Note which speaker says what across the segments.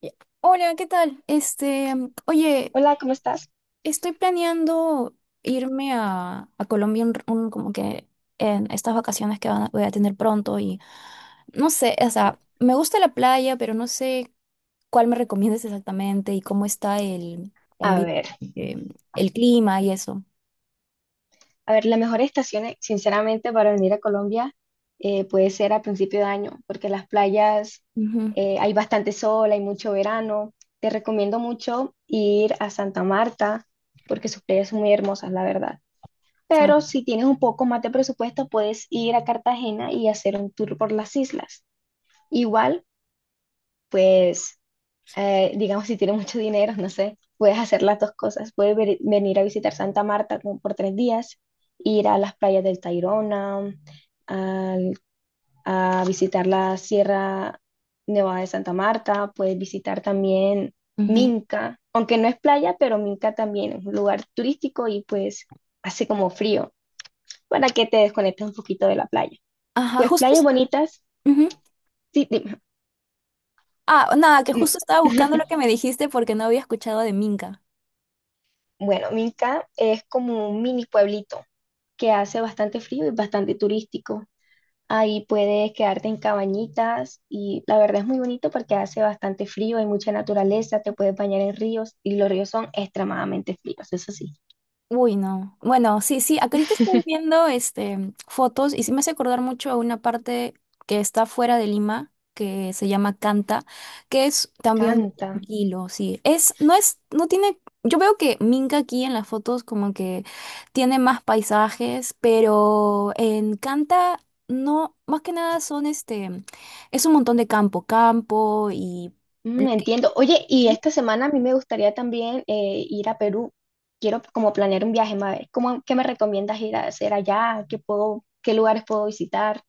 Speaker 1: Ya. Hola, ¿qué tal? Este, oye,
Speaker 2: Hola, ¿cómo estás?
Speaker 1: estoy planeando irme a Colombia, como que en estas vacaciones que voy a tener pronto. Y no sé, o sea, me gusta la playa, pero no sé cuál me recomiendas exactamente y cómo está
Speaker 2: A
Speaker 1: ambi-
Speaker 2: ver,
Speaker 1: eh, el clima y eso.
Speaker 2: a ver, la mejor estación, sinceramente, para venir a Colombia puede ser a principio de año, porque las playas
Speaker 1: Ujú,
Speaker 2: hay bastante sol, hay mucho verano. Te recomiendo mucho ir a Santa Marta, porque sus playas son muy hermosas, la verdad. Pero
Speaker 1: ah,
Speaker 2: si tienes un poco más de presupuesto, puedes ir a Cartagena y hacer un tour por las islas. Igual, pues. Digamos, si tienes mucho dinero, no sé, puedes hacer las dos cosas. Venir a visitar Santa Marta como por tres días, ir a las playas del Tayrona, al- a visitar la Sierra Nevada de Santa Marta, puedes visitar también
Speaker 1: ujú.
Speaker 2: Minca, aunque no es playa, pero Minca también es un lugar turístico y pues hace como frío para que te desconectes un poquito de la playa.
Speaker 1: Ajá,
Speaker 2: Pues
Speaker 1: justo.
Speaker 2: playas bonitas,
Speaker 1: Ujú.
Speaker 2: sí, dime.
Speaker 1: Ah, nada, que justo estaba buscando lo que me dijiste porque no había escuchado de Minca.
Speaker 2: Bueno, Minca es como un mini pueblito que hace bastante frío y bastante turístico. Ahí puedes quedarte en cabañitas y la verdad es muy bonito porque hace bastante frío, hay mucha naturaleza, te puedes bañar en ríos y los ríos son extremadamente fríos, eso sí.
Speaker 1: Uy, no. Bueno, sí, sí, acá ahorita estoy viendo fotos, y sí me hace acordar mucho a una parte que está fuera de Lima, que se llama Canta, que es también
Speaker 2: Canta.
Speaker 1: tranquilo, sí. Es, no tiene, yo veo que Minca aquí en las fotos como que tiene más paisajes, pero en Canta no, más que nada son es un montón de campo, campo y... lo
Speaker 2: Mm,
Speaker 1: que-
Speaker 2: entiendo. Oye, y esta semana a mí me gustaría también ir a Perú. Quiero como planear un viaje, ma- ¿Cómo, qué me recomiendas ir a hacer allá? ¿Qué puedo, qué lugares puedo visitar?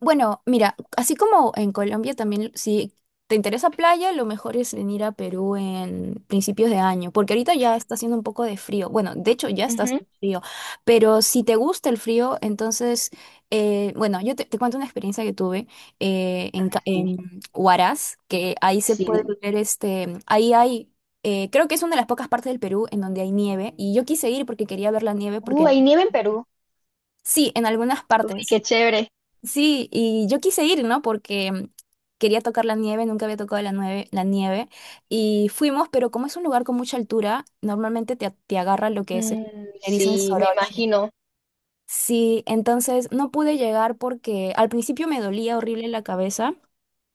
Speaker 1: Bueno, mira, así como en Colombia también, si te interesa playa, lo mejor es venir a Perú en principios de año, porque ahorita ya está haciendo un poco de frío. Bueno, de hecho ya está
Speaker 2: Ujú.
Speaker 1: haciendo frío, pero si te gusta el frío, entonces bueno, yo te cuento una experiencia que tuve
Speaker 2: Dime.
Speaker 1: en Huaraz, que ahí se
Speaker 2: Sí,
Speaker 1: puede
Speaker 2: dime.
Speaker 1: ver ahí hay... creo que es una de las pocas partes del Perú en donde hay nieve, y yo quise ir porque quería ver la nieve porque...
Speaker 2: Hay nieve en Perú.
Speaker 1: Sí, en algunas
Speaker 2: Uy, qué
Speaker 1: partes.
Speaker 2: chévere.
Speaker 1: Sí, y yo quise ir, ¿no? Porque quería tocar la nieve, nunca había tocado la nieve, la nieve. Y fuimos, pero como es un lugar con mucha altura, normalmente te agarra lo que es,
Speaker 2: Mm,
Speaker 1: le dicen
Speaker 2: sí, me
Speaker 1: soroche.
Speaker 2: imagino.
Speaker 1: Sí, entonces no pude llegar porque al principio me dolía horrible la cabeza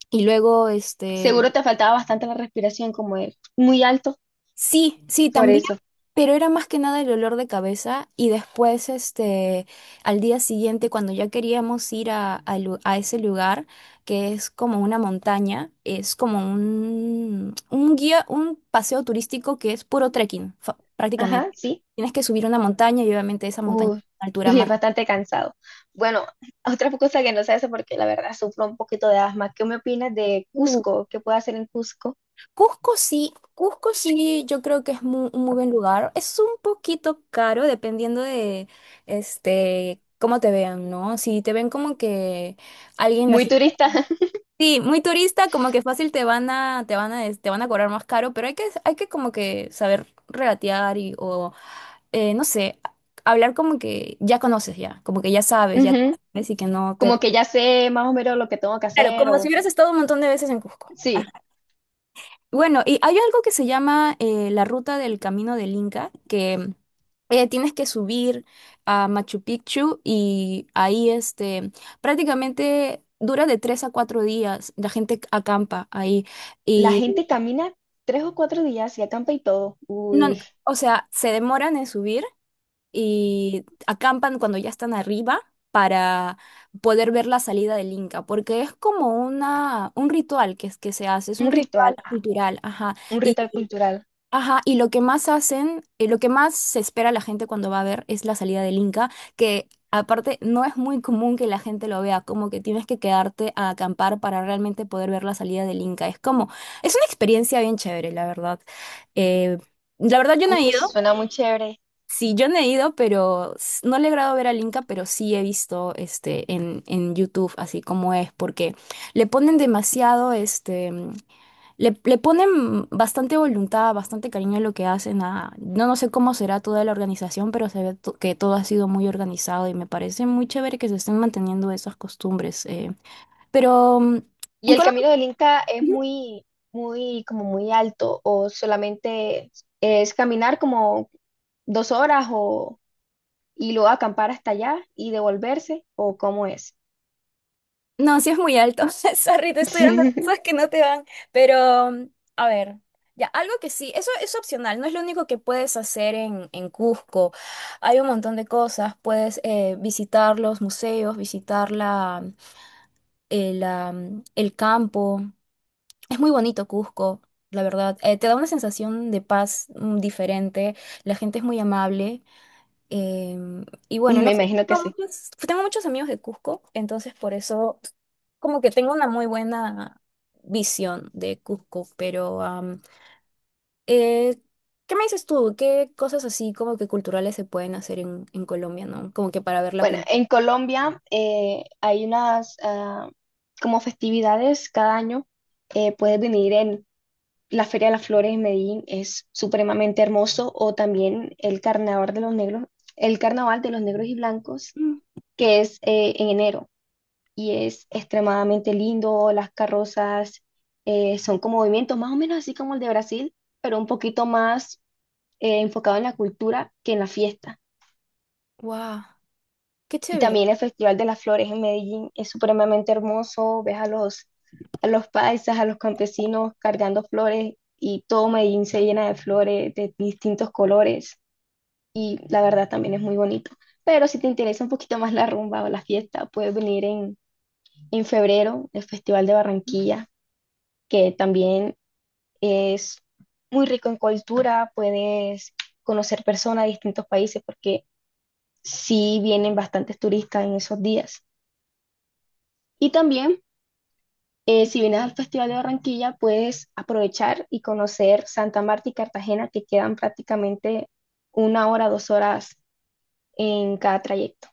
Speaker 1: y luego
Speaker 2: Seguro te faltaba bastante la respiración, como es muy alto,
Speaker 1: sí, sí,
Speaker 2: por
Speaker 1: también,
Speaker 2: eso.
Speaker 1: pero era más que nada el olor de cabeza. Y después, al día siguiente, cuando ya queríamos ir a ese lugar, que es como una montaña, es como un guía, un paseo turístico que es puro trekking,
Speaker 2: Ajá,
Speaker 1: prácticamente.
Speaker 2: sí.
Speaker 1: Tienes que subir una montaña, y obviamente esa montaña es
Speaker 2: Uy,
Speaker 1: una altura
Speaker 2: y es
Speaker 1: más.
Speaker 2: bastante cansado. Bueno, otra cosa que no sé eso, porque la verdad sufro un poquito de asma. ¿Qué me opinas de
Speaker 1: uh,
Speaker 2: Cusco? ¿Qué puedo hacer en Cusco?
Speaker 1: Cusco sí, yo creo que es un muy buen lugar. Es un poquito caro dependiendo de, cómo te vean, ¿no? Si te ven como que alguien
Speaker 2: Muy
Speaker 1: así,
Speaker 2: turista.
Speaker 1: sí, muy turista, como que fácil te van a, des- te van a cobrar más caro. Pero hay que como que saber regatear y, o, no sé, hablar como que ya conoces ya, como que ya,
Speaker 2: Ujú.
Speaker 1: sabes y que no te...
Speaker 2: Como que ya sé más o menos lo que tengo que
Speaker 1: Claro,
Speaker 2: hacer
Speaker 1: como si
Speaker 2: o...
Speaker 1: hubieras estado un montón de veces en Cusco.
Speaker 2: Sí,
Speaker 1: Bueno, y hay algo que se llama la ruta del Camino del Inca, que tienes que subir a Machu Picchu, y ahí prácticamente dura de 3 a 4 días. La gente acampa ahí
Speaker 2: la
Speaker 1: y...
Speaker 2: gente camina tres o cuatro días y acampa y todo.
Speaker 1: No,
Speaker 2: Uy,
Speaker 1: o sea, se demoran en subir y acampan cuando ya están arriba para poder ver la salida del Inca, porque es como un ritual que, que se hace, es un
Speaker 2: un
Speaker 1: ritual
Speaker 2: ritual, ah,
Speaker 1: cultural, ajá.
Speaker 2: un ritual cultural.
Speaker 1: Ajá, y lo que más hacen, lo que más se espera la gente cuando va a ver es la salida del Inca, que aparte no es muy común que la gente lo vea, como que tienes que quedarte a acampar para realmente poder ver la salida del Inca. Es como, es una experiencia bien chévere, la verdad. Eh, la verdad yo no he
Speaker 2: Uy,
Speaker 1: ido,
Speaker 2: suena muy chévere.
Speaker 1: sí, yo no he ido, pero no le he logrado ver al Inca, pero sí he visto en YouTube así como es, porque le ponen demasiado. Le ponen bastante voluntad, bastante cariño a lo que hacen. No, no sé cómo será toda la organización, pero se ve que todo ha sido muy organizado, y me parece muy chévere que se estén manteniendo esas costumbres. Pero
Speaker 2: Y
Speaker 1: en
Speaker 2: el
Speaker 1: Colombia,
Speaker 2: camino del Inca es
Speaker 1: sí.
Speaker 2: muy, muy, como muy alto, o solamente es caminar como dos horas o y luego acampar hasta allá y devolverse, o cómo es.
Speaker 1: No, sí es muy alto. Sorry, te estoy dando cosas que no te van. Pero, a ver, ya, algo que sí, eso es opcional, no es lo único que puedes hacer en Cusco. Hay un montón de cosas. Puedes visitar los museos, visitar el campo. Es muy bonito Cusco, la verdad. Te da una sensación de paz diferente. La gente es muy amable. Y
Speaker 2: Y
Speaker 1: bueno, no
Speaker 2: me
Speaker 1: sé,
Speaker 2: imagino que
Speaker 1: tengo
Speaker 2: sí.
Speaker 1: muchos, tengo muchos amigos de Cusco, entonces por eso como que tengo una muy buena visión de Cusco. Pero eh, ¿qué me dices tú? ¿Qué cosas así como que culturales se pueden hacer en Colombia, ¿no? Como que para ver la
Speaker 2: Bueno,
Speaker 1: cultura.
Speaker 2: en Colombia hay unas como festividades cada año. Puedes venir en la Feria de las Flores en Medellín, es supremamente hermoso, o también el Carnaval de los Negros, el Carnaval de los Negros y Blancos, que es en enero. Y es extremadamente lindo. Las carrozas son como movimientos más o menos así como el de Brasil, pero un poquito más enfocado en la cultura que en la fiesta.
Speaker 1: ¡Guau! ¡Qué
Speaker 2: Y
Speaker 1: chévere!
Speaker 2: también el Festival de las Flores en Medellín es supremamente hermoso. Ves a los paisas, a los campesinos cargando flores y todo Medellín se llena de flores de distintos colores y la verdad también es muy bonito. Pero si te interesa un poquito más la rumba o la fiesta, puedes venir en febrero, el Festival de Barranquilla que también es muy rico en cultura, puedes conocer personas de distintos países porque sí vienen bastantes turistas en esos días. Y también, si vienes al Festival de Barranquilla, puedes aprovechar y conocer Santa Marta y Cartagena, que quedan prácticamente una hora, dos horas en cada trayecto.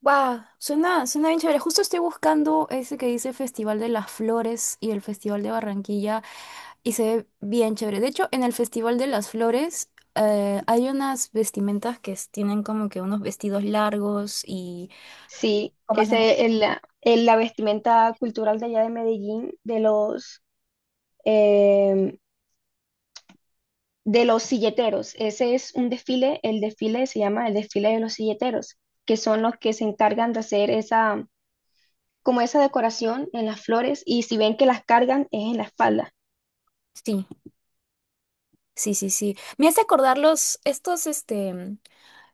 Speaker 1: Wow, suena bien chévere. Justo estoy buscando ese que dice Festival de las Flores y el Festival de Barranquilla, y se ve bien chévere. De hecho, en el Festival de las Flores hay unas vestimentas que tienen como que unos vestidos largos y
Speaker 2: Sí,
Speaker 1: con bastante...
Speaker 2: ese es la vestimenta cultural de allá de Medellín, eh, de los silleteros. Ese es un desfile, el desfile se llama el desfile de los silleteros, que son los que se encargan de hacer esa, como esa decoración en las flores y si ven que las cargan es en la espalda.
Speaker 1: Sí, sí, sí, sí. Me hace acordar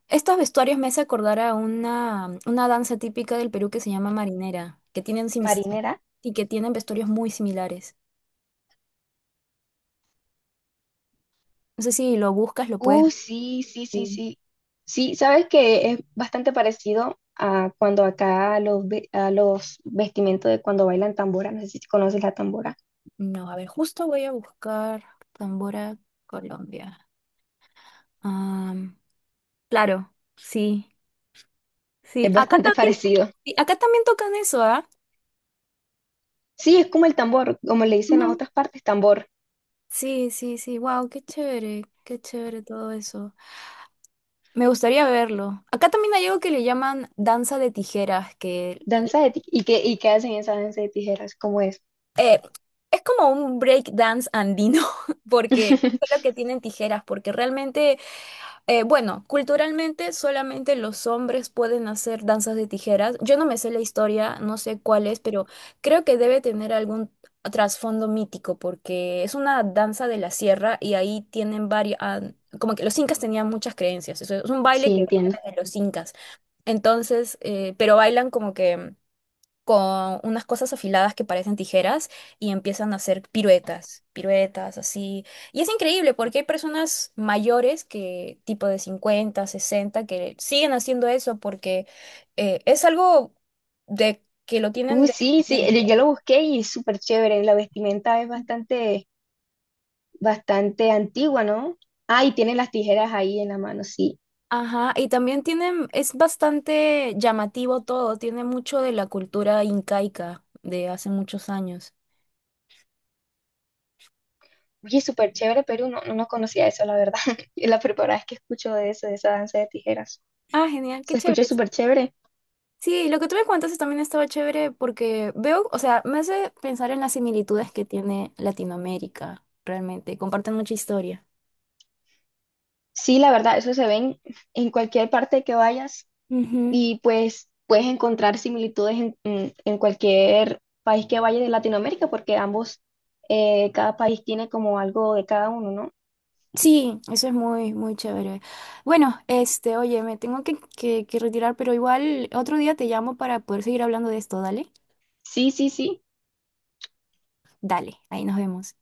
Speaker 1: estos vestuarios, me hace acordar a una danza típica del Perú que se llama marinera, que tienen
Speaker 2: Marinera.
Speaker 1: y que tienen vestuarios muy similares. No sé si lo buscas, lo puedes... Ver.
Speaker 2: Sí, sí, sí, sí. Sí, sabes que es bastante parecido a cuando acá los, a los vestimentos de cuando bailan tambora, no sé si conoces la tambora,
Speaker 1: No, a ver, justo voy a buscar Tambora, Colombia. Am, claro, sí, sí.
Speaker 2: es
Speaker 1: Acá
Speaker 2: bastante
Speaker 1: también,
Speaker 2: parecido.
Speaker 1: sí, acá también tocan eso, ¿ah?
Speaker 2: Sí, es como el tambor, como le dicen
Speaker 1: Ujú.
Speaker 2: a otras partes, tambor.
Speaker 1: Sí, sí, sí. Wow, qué chévere todo eso. Me gustaría verlo. Acá también hay algo que le llaman danza de tijeras, que
Speaker 2: Y qué hacen esa danza de tijeras? ¿Cómo es?
Speaker 1: es como un break dance andino, porque es lo que tienen tijeras, porque realmente... Bueno, culturalmente solamente los hombres pueden hacer danzas de tijeras. Yo no me sé la historia, no sé cuál es, pero creo que debe tener algún trasfondo mítico, porque es una danza de la sierra y ahí tienen varias, como que los incas tenían muchas creencias. Eso es un baile
Speaker 2: Sí,
Speaker 1: que viene
Speaker 2: entiendo.
Speaker 1: de los incas. Entonces, pero bailan como que con unas cosas afiladas que parecen tijeras y empiezan a hacer piruetas, piruetas así. Y es increíble porque hay personas mayores que tipo de 50, 60 que siguen haciendo eso, porque es algo de que lo tienen de...
Speaker 2: Sí, sí, yo
Speaker 1: nacimiento.
Speaker 2: yo lo busqué y es súper chévere. La vestimenta es bastante, bastante antigua, ¿no? Ah, y tiene las tijeras ahí en la mano, sí.
Speaker 1: Ajá, y también tienen, es bastante llamativo todo, tiene mucho de la cultura incaica de hace muchos años.
Speaker 2: Oye, súper chévere, pero no, no no conocía eso, la verdad. Es la primera vez que escucho de eso, de esa danza de tijeras.
Speaker 1: Ah, genial, qué
Speaker 2: Se escucha
Speaker 1: chévere.
Speaker 2: súper chévere.
Speaker 1: Sí, lo que tú me contaste también estaba chévere, porque veo, o sea, me hace pensar en las similitudes que tiene Latinoamérica, realmente. Comparten mucha historia.
Speaker 2: Sí, la verdad, eso se ven en cualquier parte que vayas.
Speaker 1: Ujú.
Speaker 2: Y pues puedes encontrar similitudes en cualquier país que vayas de Latinoamérica, porque ambos, cada país tiene como algo de cada uno, ¿no?
Speaker 1: Sí, eso es muy, muy chévere. Bueno, este, oye, me tengo que retirar, pero igual otro día te llamo para poder seguir hablando de esto, dale.
Speaker 2: Sí, sí, sí.
Speaker 1: Dale, ahí nos vemos.